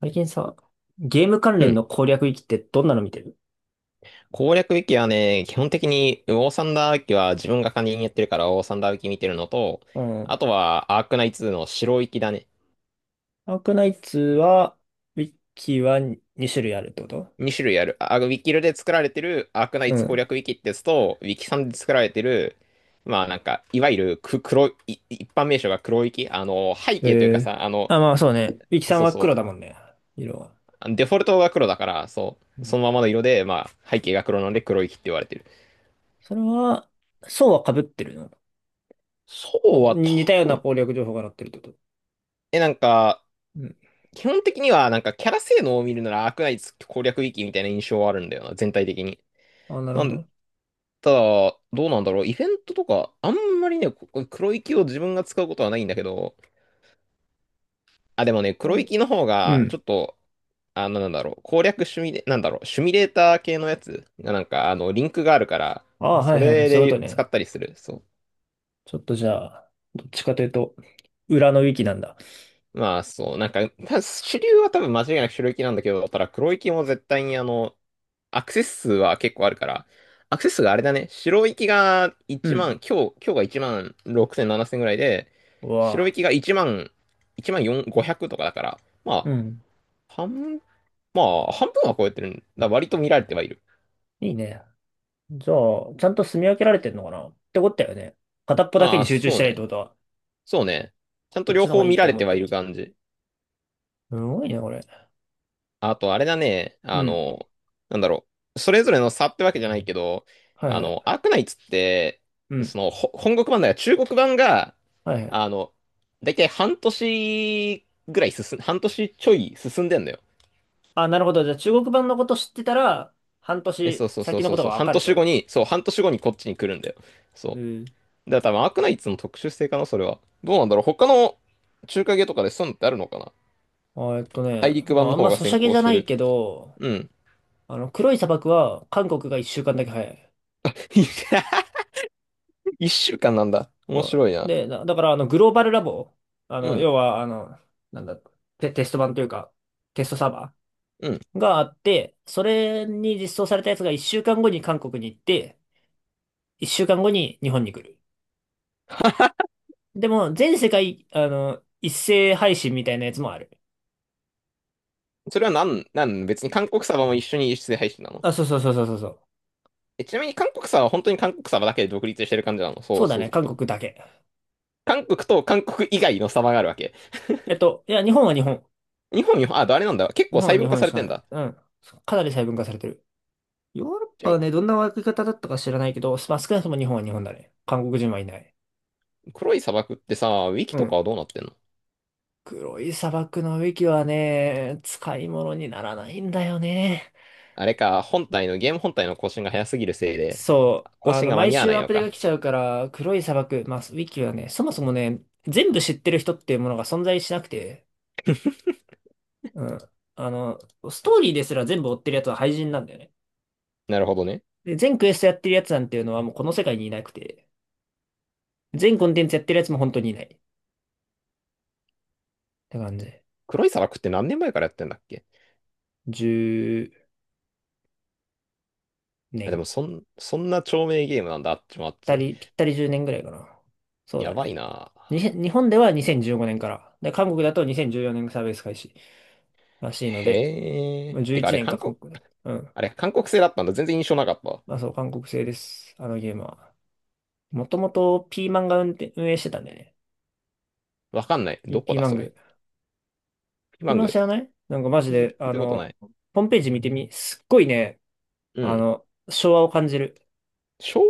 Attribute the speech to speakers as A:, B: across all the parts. A: 最近さ、ゲーム関
B: う
A: 連
B: ん。
A: の攻略ウィキってどんなの見てる？
B: 攻略ウィキはね、基本的に、ウォーサンダーウィキは自分が管理人やってるから、ウォーサンダーウィキ見てるのと、
A: うん。
B: あとは、アークナイツの白ウィキだね。
A: アークナイツは、ウィキは2種類あるってこと？
B: 2種類ある。あ、ウィキルで作られてるアークナ
A: う
B: イツ攻
A: ん。
B: 略ウィキってやつと、ウィキさんで作られてる、まあなんか、いわゆる黒い、一般名称が黒ウィキ。背景というか
A: え
B: さ、
A: あ、まあそうね。ウィキさん
B: そう
A: は
B: そ
A: 黒だもんね。色は。
B: う。デフォルトが黒だから、そ
A: う
B: う。
A: ん。
B: そのままの色で、まあ、背景が黒なので黒ウィキって言われてる。
A: それは、層は被ってるの？
B: そうは
A: に
B: 多
A: 似たような
B: 分、
A: 攻略情報が載ってるってこと？
B: なんか、
A: うん。
B: 基本的には、なんかキャラ性能を見るならアークナイツ攻略域みたいな印象はあるんだよな、全体的に。
A: あ、なる
B: な
A: ほ
B: ん、
A: ど。
B: ただ、どうなんだろう、イベントとか、あんまりね、ここ黒域を自分が使うことはないんだけど、あ、でもね、
A: う
B: 黒
A: ん
B: 域の方
A: う
B: が、ち
A: ん。
B: ょっと、あの、なんだろう、攻略シミュレ、なんだろう、シミュレーター系のやつが、なんか、リンクがあるから、
A: あ、は
B: そ
A: いはいはい。
B: れ
A: そういうこ
B: で
A: と
B: 使っ
A: ね。
B: たりする。そ
A: ちょっとじゃあ、どっちかというと、裏のウィキなんだ。
B: う。まあ、そう、なんか、主流は多分間違いなく白域なんだけど、ただ黒域も絶対にアクセス数は結構あるから、アクセス数があれだね、白行きが
A: う
B: 1万、
A: ん。
B: 今日が1万6000、7000ぐらいで、
A: うわ
B: 白
A: あ。
B: 行きが1万、1万4、500とかだから、
A: う
B: ま
A: ん。
B: あ、半、まあ、半分は超えてるんだ。割と見られてはいる。
A: いいね。じゃあ、ちゃんと住み分けられてんのかなってことだよね。片っぽだけ
B: あ
A: に
B: あ、
A: 集中し
B: そう
A: てないって
B: ね。
A: ことは、
B: そうね。ちゃん
A: こ
B: と
A: っち
B: 両
A: の方
B: 方
A: がいい
B: 見
A: って
B: られ
A: 思
B: て
A: って
B: はい
A: るや
B: る
A: つ。
B: 感じ。
A: すごいね、これ。
B: あと、あれだね。
A: うん。
B: なんだろう。それぞれの差ってわけじゃないけど、
A: はいは
B: ア
A: い。
B: ークナイツって、
A: うん。
B: 本国版だから中国版が、
A: はいはい。
B: あの、だいたい半年ちょい進んでんだよ。
A: あ、なるほど。じゃあ、中国版のこと知ってたら、半
B: ね、
A: 年
B: そうそうそ
A: 先
B: う
A: の
B: そ
A: こ
B: う
A: と
B: そ
A: が
B: う。
A: わ
B: 半
A: かるってこ
B: 年後
A: と？
B: に、そう、半年後にこっちに来るんだよ。
A: う
B: そ
A: ん。
B: う。だから多分アークナイツの特殊性かな、それは。どうなんだろう。他の中華系とかでそういうのってあるのかな。
A: あ、
B: 大陸
A: ま
B: 版
A: あ、あ
B: の
A: ん
B: 方
A: ま
B: が
A: ソシ
B: 先
A: ャゲ
B: 行
A: じゃ
B: して
A: ない
B: る。
A: けど、
B: うん。
A: 黒い砂漠は韓国が一週間だけ早い。
B: 1週間なんだ。面
A: そ
B: 白い
A: う
B: な。
A: で、だから、グローバルラボ、
B: うん。
A: 要は、あの、なんだ、テスト版というか、テストサーバ
B: うん。
A: ーがあって、それに実装されたやつが1週間後に韓国に行って、1週間後に日本に来る。でも、全世界、一斉配信みたいなやつもある。
B: それはなん、なん、別に韓国サバも一緒に輸出で配信なの？
A: あ、そうそうそうそうそうそう。
B: ちなみに韓国サバは本当に韓国サバだけで独立してる感じなの？そ
A: そ
B: う、
A: うだ
B: そう
A: ね、
B: する
A: 韓
B: と。
A: 国だけ。
B: 韓国と韓国以外のサバがあるわけ。
A: いや、日本は日本。
B: 日本、あ、あれなんだ。結
A: 日
B: 構
A: 本
B: 細
A: は日
B: 分化
A: 本
B: さ
A: し
B: れ
A: か
B: て
A: な
B: ん
A: い。
B: だ。
A: うん。かなり細分化されてる。ヨーロッ
B: ち
A: パ
B: なみ
A: はね、どんな分け方だったか知らないけど、まあ、少なくとも日本は日本だね。韓国人はいない。
B: に、黒い砂漠ってさ、ウィキ
A: う
B: とか
A: ん。
B: はどうなってんの？
A: 黒い砂漠のウィキはね、使い物にならないんだよね。
B: あれか、本体の、ゲーム本体の更新が早すぎるせいで、
A: そう、
B: 更新が間
A: 毎
B: に合わ
A: 週
B: ない
A: アッ
B: の
A: プデが
B: か。
A: 来ちゃうから、黒い砂漠、まあ、ウィキはね、そもそもね、全部知ってる人っていうものが存在しなくて、うん。あの、ストーリーですら全部追ってるやつは廃人なんだよね。
B: なるほどね。
A: で、全クエストやってるやつなんていうのはもうこの世界にいなくて、全コンテンツやってるやつも本当にいない。って感じ。
B: 黒い砂漠って何年前からやってんだっけ？
A: 10
B: あ、で
A: 年。
B: も、そんな長命ゲームなんだ、あっちもあって。
A: ぴったり10年ぐらいかな。そう
B: や
A: だ
B: ばい
A: ね。
B: な。
A: にへん日本では2015年から。で、韓国だと2014年サービス開始らしいので、
B: へ
A: ま
B: え。
A: あ
B: て
A: 11
B: か、あれ、
A: 年か韓国だ。うん。
B: 韓国製だったんだ。全然印象なかったわ。
A: まあそう、韓国製です。あのゲームは。もともとピーマンが運転、運営してたんだよね。
B: わかんない。
A: ピ、
B: どこ
A: ピー
B: だ、
A: マン
B: それ。
A: グ。
B: ピ
A: ピ
B: マ
A: ー
B: ン
A: マ
B: グ。
A: ン知らない？なんかマジで、
B: 聞いたことない。
A: ホームページ見てみ、すっごいね、
B: うん。
A: 昭和を感じる。
B: 昭和。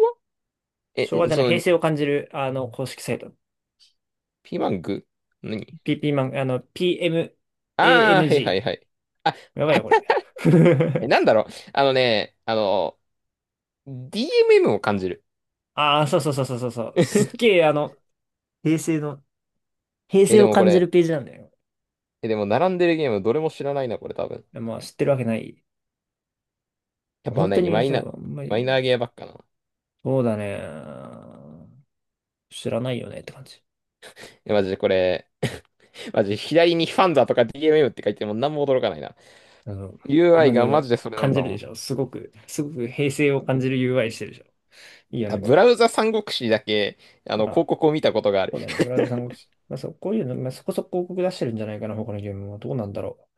B: え、
A: 昭和じゃない、
B: そ
A: 平
B: の、
A: 成を感じる、公式サイト。
B: ピマング何？
A: ピーマン、PMANG。
B: ああー、はいはいはい。あ、
A: やばいよ、これ。
B: なんだろう。あのね、DMM を感じる。
A: ああ、そうそうそうそうそうそう。すっげ え、平成の、平
B: え、
A: 成
B: で
A: を
B: もこ
A: 感じる
B: れ、
A: ページなんだよ。
B: え、でも並んでるゲームどれも知らないな、これ多分。
A: まあ、知ってるわけない。
B: やっぱ
A: 本当
B: ね、
A: に、そう、あんま
B: マイナー
A: り、
B: ゲーばっかな。
A: そうだね。知らないよねって感じ。
B: え、マジでこれ、マジで左にファンザとか DMM って書いても何も驚かないな。
A: あの、
B: UI
A: まず、
B: がマジでそれな
A: 感
B: ん
A: じ
B: だ
A: る
B: も
A: で
B: ん。
A: しょ。すごく、すごく平成を感じる UI してるでしょ。いいよ
B: あ、
A: ね、こ
B: ブ
A: れ。
B: ラウザ三国志だけ、
A: あ、
B: 広告を見たことがある。
A: そうだね。ブラウザ三国志。まあ、そう、こういうの、まあ、そこそこ広告出してるんじゃないかな、他のゲームは。どうなんだろ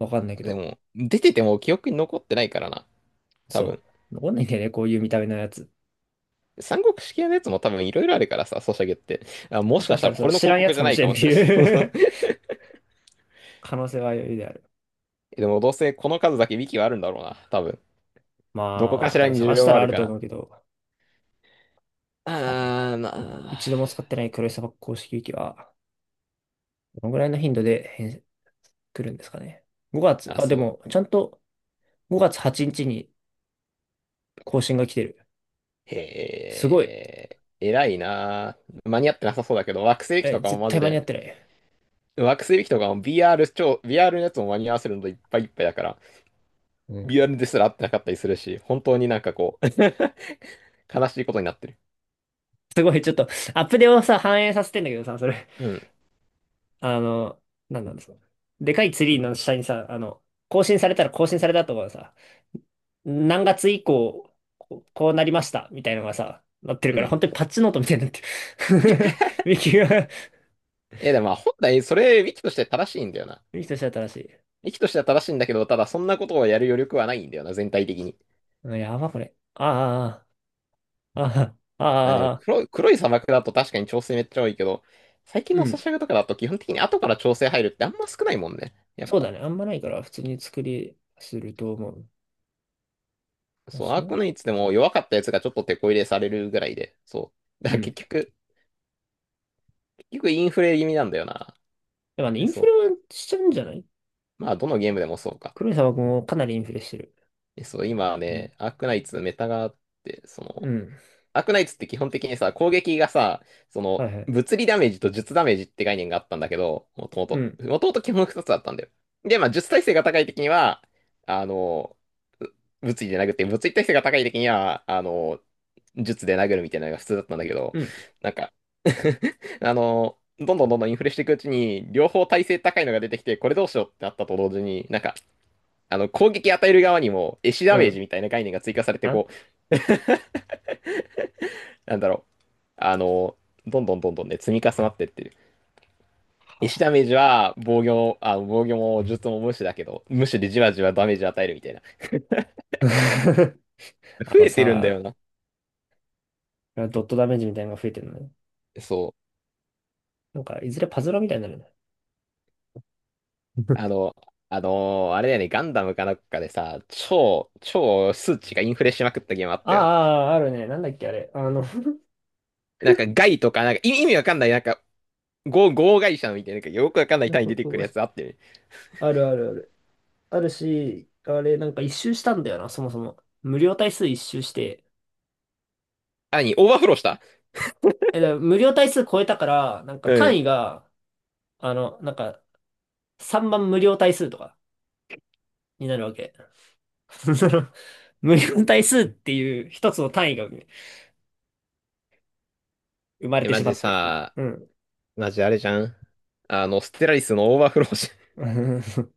A: う。わかんないけ
B: で
A: ど。
B: も、出てても記憶に残ってないからな。多分。
A: そう。わかんないんだよね、こういう見た目のやつ。
B: 三国志系のやつも多分いろいろあるからさ、ソシャゲって。あ、も
A: もし
B: し
A: か
B: かし
A: し
B: た
A: た
B: ら
A: ら、
B: こ
A: そう、
B: れの
A: 知ら
B: 広
A: んや
B: 告
A: つ
B: じ
A: か
B: ゃ
A: も
B: ない
A: し
B: か
A: れんっ
B: も
A: て
B: しれな
A: いう
B: い。
A: 可能性は余裕である。
B: でもどうせこの数だけウィキはあるんだろうな。多分。どこか
A: ま
B: し
A: あ、多
B: ら
A: 分
B: に需
A: 探し
B: 要
A: た
B: はあ
A: らあ
B: る
A: る
B: か
A: と
B: ら。
A: 思うけど、
B: あー、な
A: うん。
B: あ。
A: 一度も使ってない黒い砂漠公式ウィキは、どのぐらいの頻度で来るんですかね。5月、
B: あ、
A: あ、で
B: そ
A: も、ちゃんと、5月8日にちに更新が来てる。
B: う。へ
A: すごい。
B: え。偉いなあ。間に合ってなさそうだけど、惑星機
A: え、
B: とかも
A: 絶
B: マ
A: 対
B: ジ
A: 間に合
B: で。
A: ってない。
B: 惑星機とかも VR のやつも間に合わせるのといっぱいいっぱいだから。
A: う
B: リア
A: ん。
B: ルですら合ってなかったりするし、本当になんかこう 悲しいことになってる。
A: すごい、ちょっと、アップデートをさ、反映させてんだけどさ、それ。
B: うん。
A: あの、なんなんですか。でかいツリーの下にさ、更新されたら更新されたとかさ、何月以降、こうこうなりました、みたいなのがさ、なってる
B: う
A: から、
B: ん。
A: 本当にパッチノートみたいになってる。ミキが、
B: でもまあ本来それ、ウィキとして正しいんだよな。
A: ミキとしては正しい。
B: ウィキとしては正しいんだけど、ただそんなことをやる余力はないんだよな、全体的に。
A: うん、やば、これ。ああ、ああ、あ
B: あ、でも
A: あ、ああ、
B: 黒い砂漠だと確かに調整めっちゃ多いけど、最近
A: う
B: のソ
A: ん。
B: シャゲとかだと基本的に後から調整入るってあんま少ないもんね。やっ
A: そうだ
B: ぱ。
A: ね。あんまないから、普通に作りすると思う。あ
B: そう、ア
A: そ
B: ーク
A: う。
B: ナイツでも弱かったやつがちょっと手こ入れされるぐらいで、そう。だ
A: う
B: から
A: ん。や
B: 結局インフレ気味なんだよな。
A: っぱね、イ
B: で
A: ン
B: そ
A: フレ
B: う。
A: はしちゃうんじゃない？
B: まあどのゲームでもそうか。
A: 黒い砂漠もかなりインフレしてる。
B: そう、今
A: うん。
B: ね、アークナイツメタがあって、
A: うん、
B: アークナイツって基本的にさ、攻撃がさ、
A: はいはい。
B: 物理ダメージと術ダメージって概念があったんだけど、もとも
A: う
B: と。
A: ん。
B: もともと基本2つあったんだよ。で、まあ、術耐性が高い時には、あの、う物理で殴って、物理耐性が高い時には、術で殴るみたいなのが普通だったんだけど、
A: うん。
B: なんか、どんどんどんどんインフレしていくうちに、両方耐性高いのが出てきて、これどうしようってなったと同時に、なんか、攻撃与える側にも、エシダ
A: う
B: メージ
A: ん。
B: みたいな概念が追加されて、
A: あ、
B: なんだろう、あの、どんどんどんどんね、積み重なってってる。
A: は
B: 石ダ
A: あ。
B: メージは防御も術も無視だけど、無視でじわじわダメージ与えるみたいな。
A: あ
B: 増
A: の
B: えてるんだよ
A: さ、
B: な。
A: ドットダメージみたいなのが増えてるのね。
B: そう。
A: なんか、いずれパズルみたいになるね。
B: あ の、あれだよね、ガンダムかなんかでさ、超数値がインフレしまくったゲームあっ
A: あ
B: たよな。
A: あ、あるね。なんだっけ、あれ。
B: なんかガイとか、なんか意味わかんない、なんか、合会社みたいな、なんかよくわかんない
A: なんか
B: 単位出てくるやつあってる。
A: あるあるある。あるし、あれ、なんか一周したんだよな、そもそも。無料体数一周して。
B: あ、オーバーフローした。
A: え、だから無料体数超えたから、なんか
B: う
A: 単
B: ん。
A: 位が、あの、なんか、3番無料体数とか、になるわけ。その無限対数っていう一つの単位が生まれ
B: え、
A: て
B: マ
A: しま
B: ジ
A: って。
B: さ、
A: うん。
B: マジあれじゃん。ステラリスのオーバーフローし、
A: うん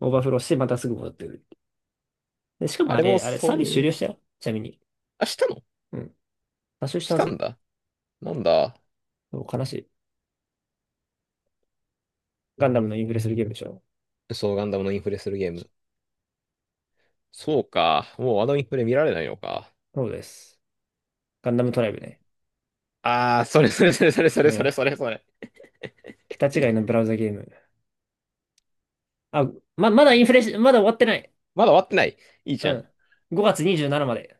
A: オーバーフローしてまたすぐ戻ってくる。で、しかも
B: あ
A: あ
B: れも
A: れ、
B: そ
A: サー
B: う
A: ビス終
B: い
A: 了
B: う、
A: したよ。ちなみに。
B: あ、したの？
A: うん。多少し
B: し
A: たは
B: た
A: ず。
B: んだ。なんだ。
A: そう悲しい。ガンダムのインフレするゲームでしょ。
B: そう、ガンダムのインフレするゲーム。そうか。もうあのインフレ見られないのか。
A: そうです。ガンダムトライブね。
B: あー、それそれそれそれそ
A: こ
B: れ
A: れ
B: それ
A: だ。
B: それそれ。
A: 桁違いのブラウザゲーム。あ、まだインフレし、まだ終わってない。
B: まだ終わってない。いいじ
A: う
B: ゃん。
A: ん。5月27まで。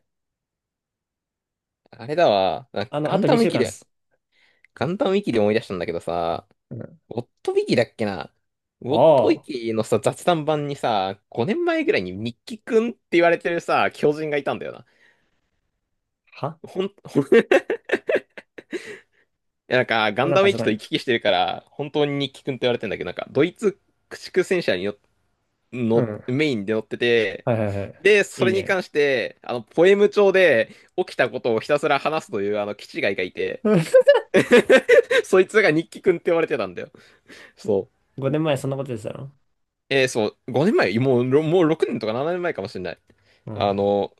B: あれだわ。あ、
A: あと2週間っす。
B: ガンダムウィキで思い出したんだけどさ、
A: うん。
B: ウォットウィキだっけな。ウォットウ
A: あ
B: ィ
A: あ。
B: キのさ、雑談版にさ、5年前ぐらいにミッキーくんって言われてるさ、狂人がいたんだよな。
A: は
B: ほん、ほん いや、なんか、ガン
A: なん
B: ダ
A: か
B: ム
A: す
B: 駅
A: ごい
B: と
A: な。
B: 行き来してるから、本当に日記くんって言われてんだけど、なんか、ドイツ駆逐戦車によ
A: う
B: の、
A: ん。
B: メインで乗ってて、
A: はいはいはい。
B: で、そ
A: いい
B: れに
A: ね。
B: 関して、ポエム帳で起きたことをひたすら話すという、キチガイがいて、
A: うん。
B: そいつが日記くんって言われてたんだよ。そう。
A: 5年前そんなこと言ってたの？
B: そう、5年前、もう、もう6年とか7年前かもしれない。
A: うん。
B: あの、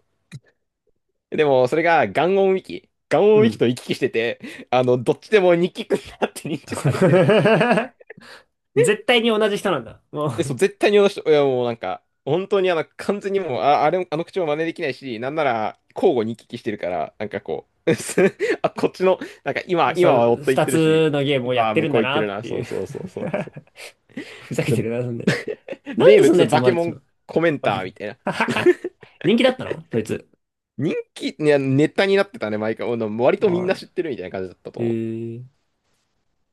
B: でも、それが、ガンオ
A: う
B: ンウィキ
A: ん。
B: と行き来してて、どっちでも日記くんだって認知されてるって
A: 絶対に同じ人なんだ。も
B: そう、絶対にあの人、いやもうなんか、本当に完全にもう、あ、あれ、あの口も真似できないし、なんなら、交互に行き来してるから、なんかこう、あ、こっちの、なんか
A: う、そ
B: 今は
A: う、
B: 夫行っ
A: 二
B: てるし、
A: つのゲームをや
B: 今
A: っ
B: は
A: て
B: 向
A: るん
B: こ
A: だ
B: う行って
A: な
B: る
A: っ
B: な、
A: て
B: そ
A: いう
B: うそうそうそうそう。
A: ふざけて
B: で
A: るな、そんなやつ。なん
B: 名
A: でそんな
B: 物、
A: やつ生
B: バ
A: ま
B: ケ
A: れて
B: モ
A: しま
B: ン
A: う
B: コメンター
A: の？
B: み たいな。
A: 人気だったのそいつ？
B: 人気、いや、ネタになってたね、毎回。もう割とみんな
A: は
B: 知ってるみたいな感じだったと
A: い。
B: 思う。
A: へえ。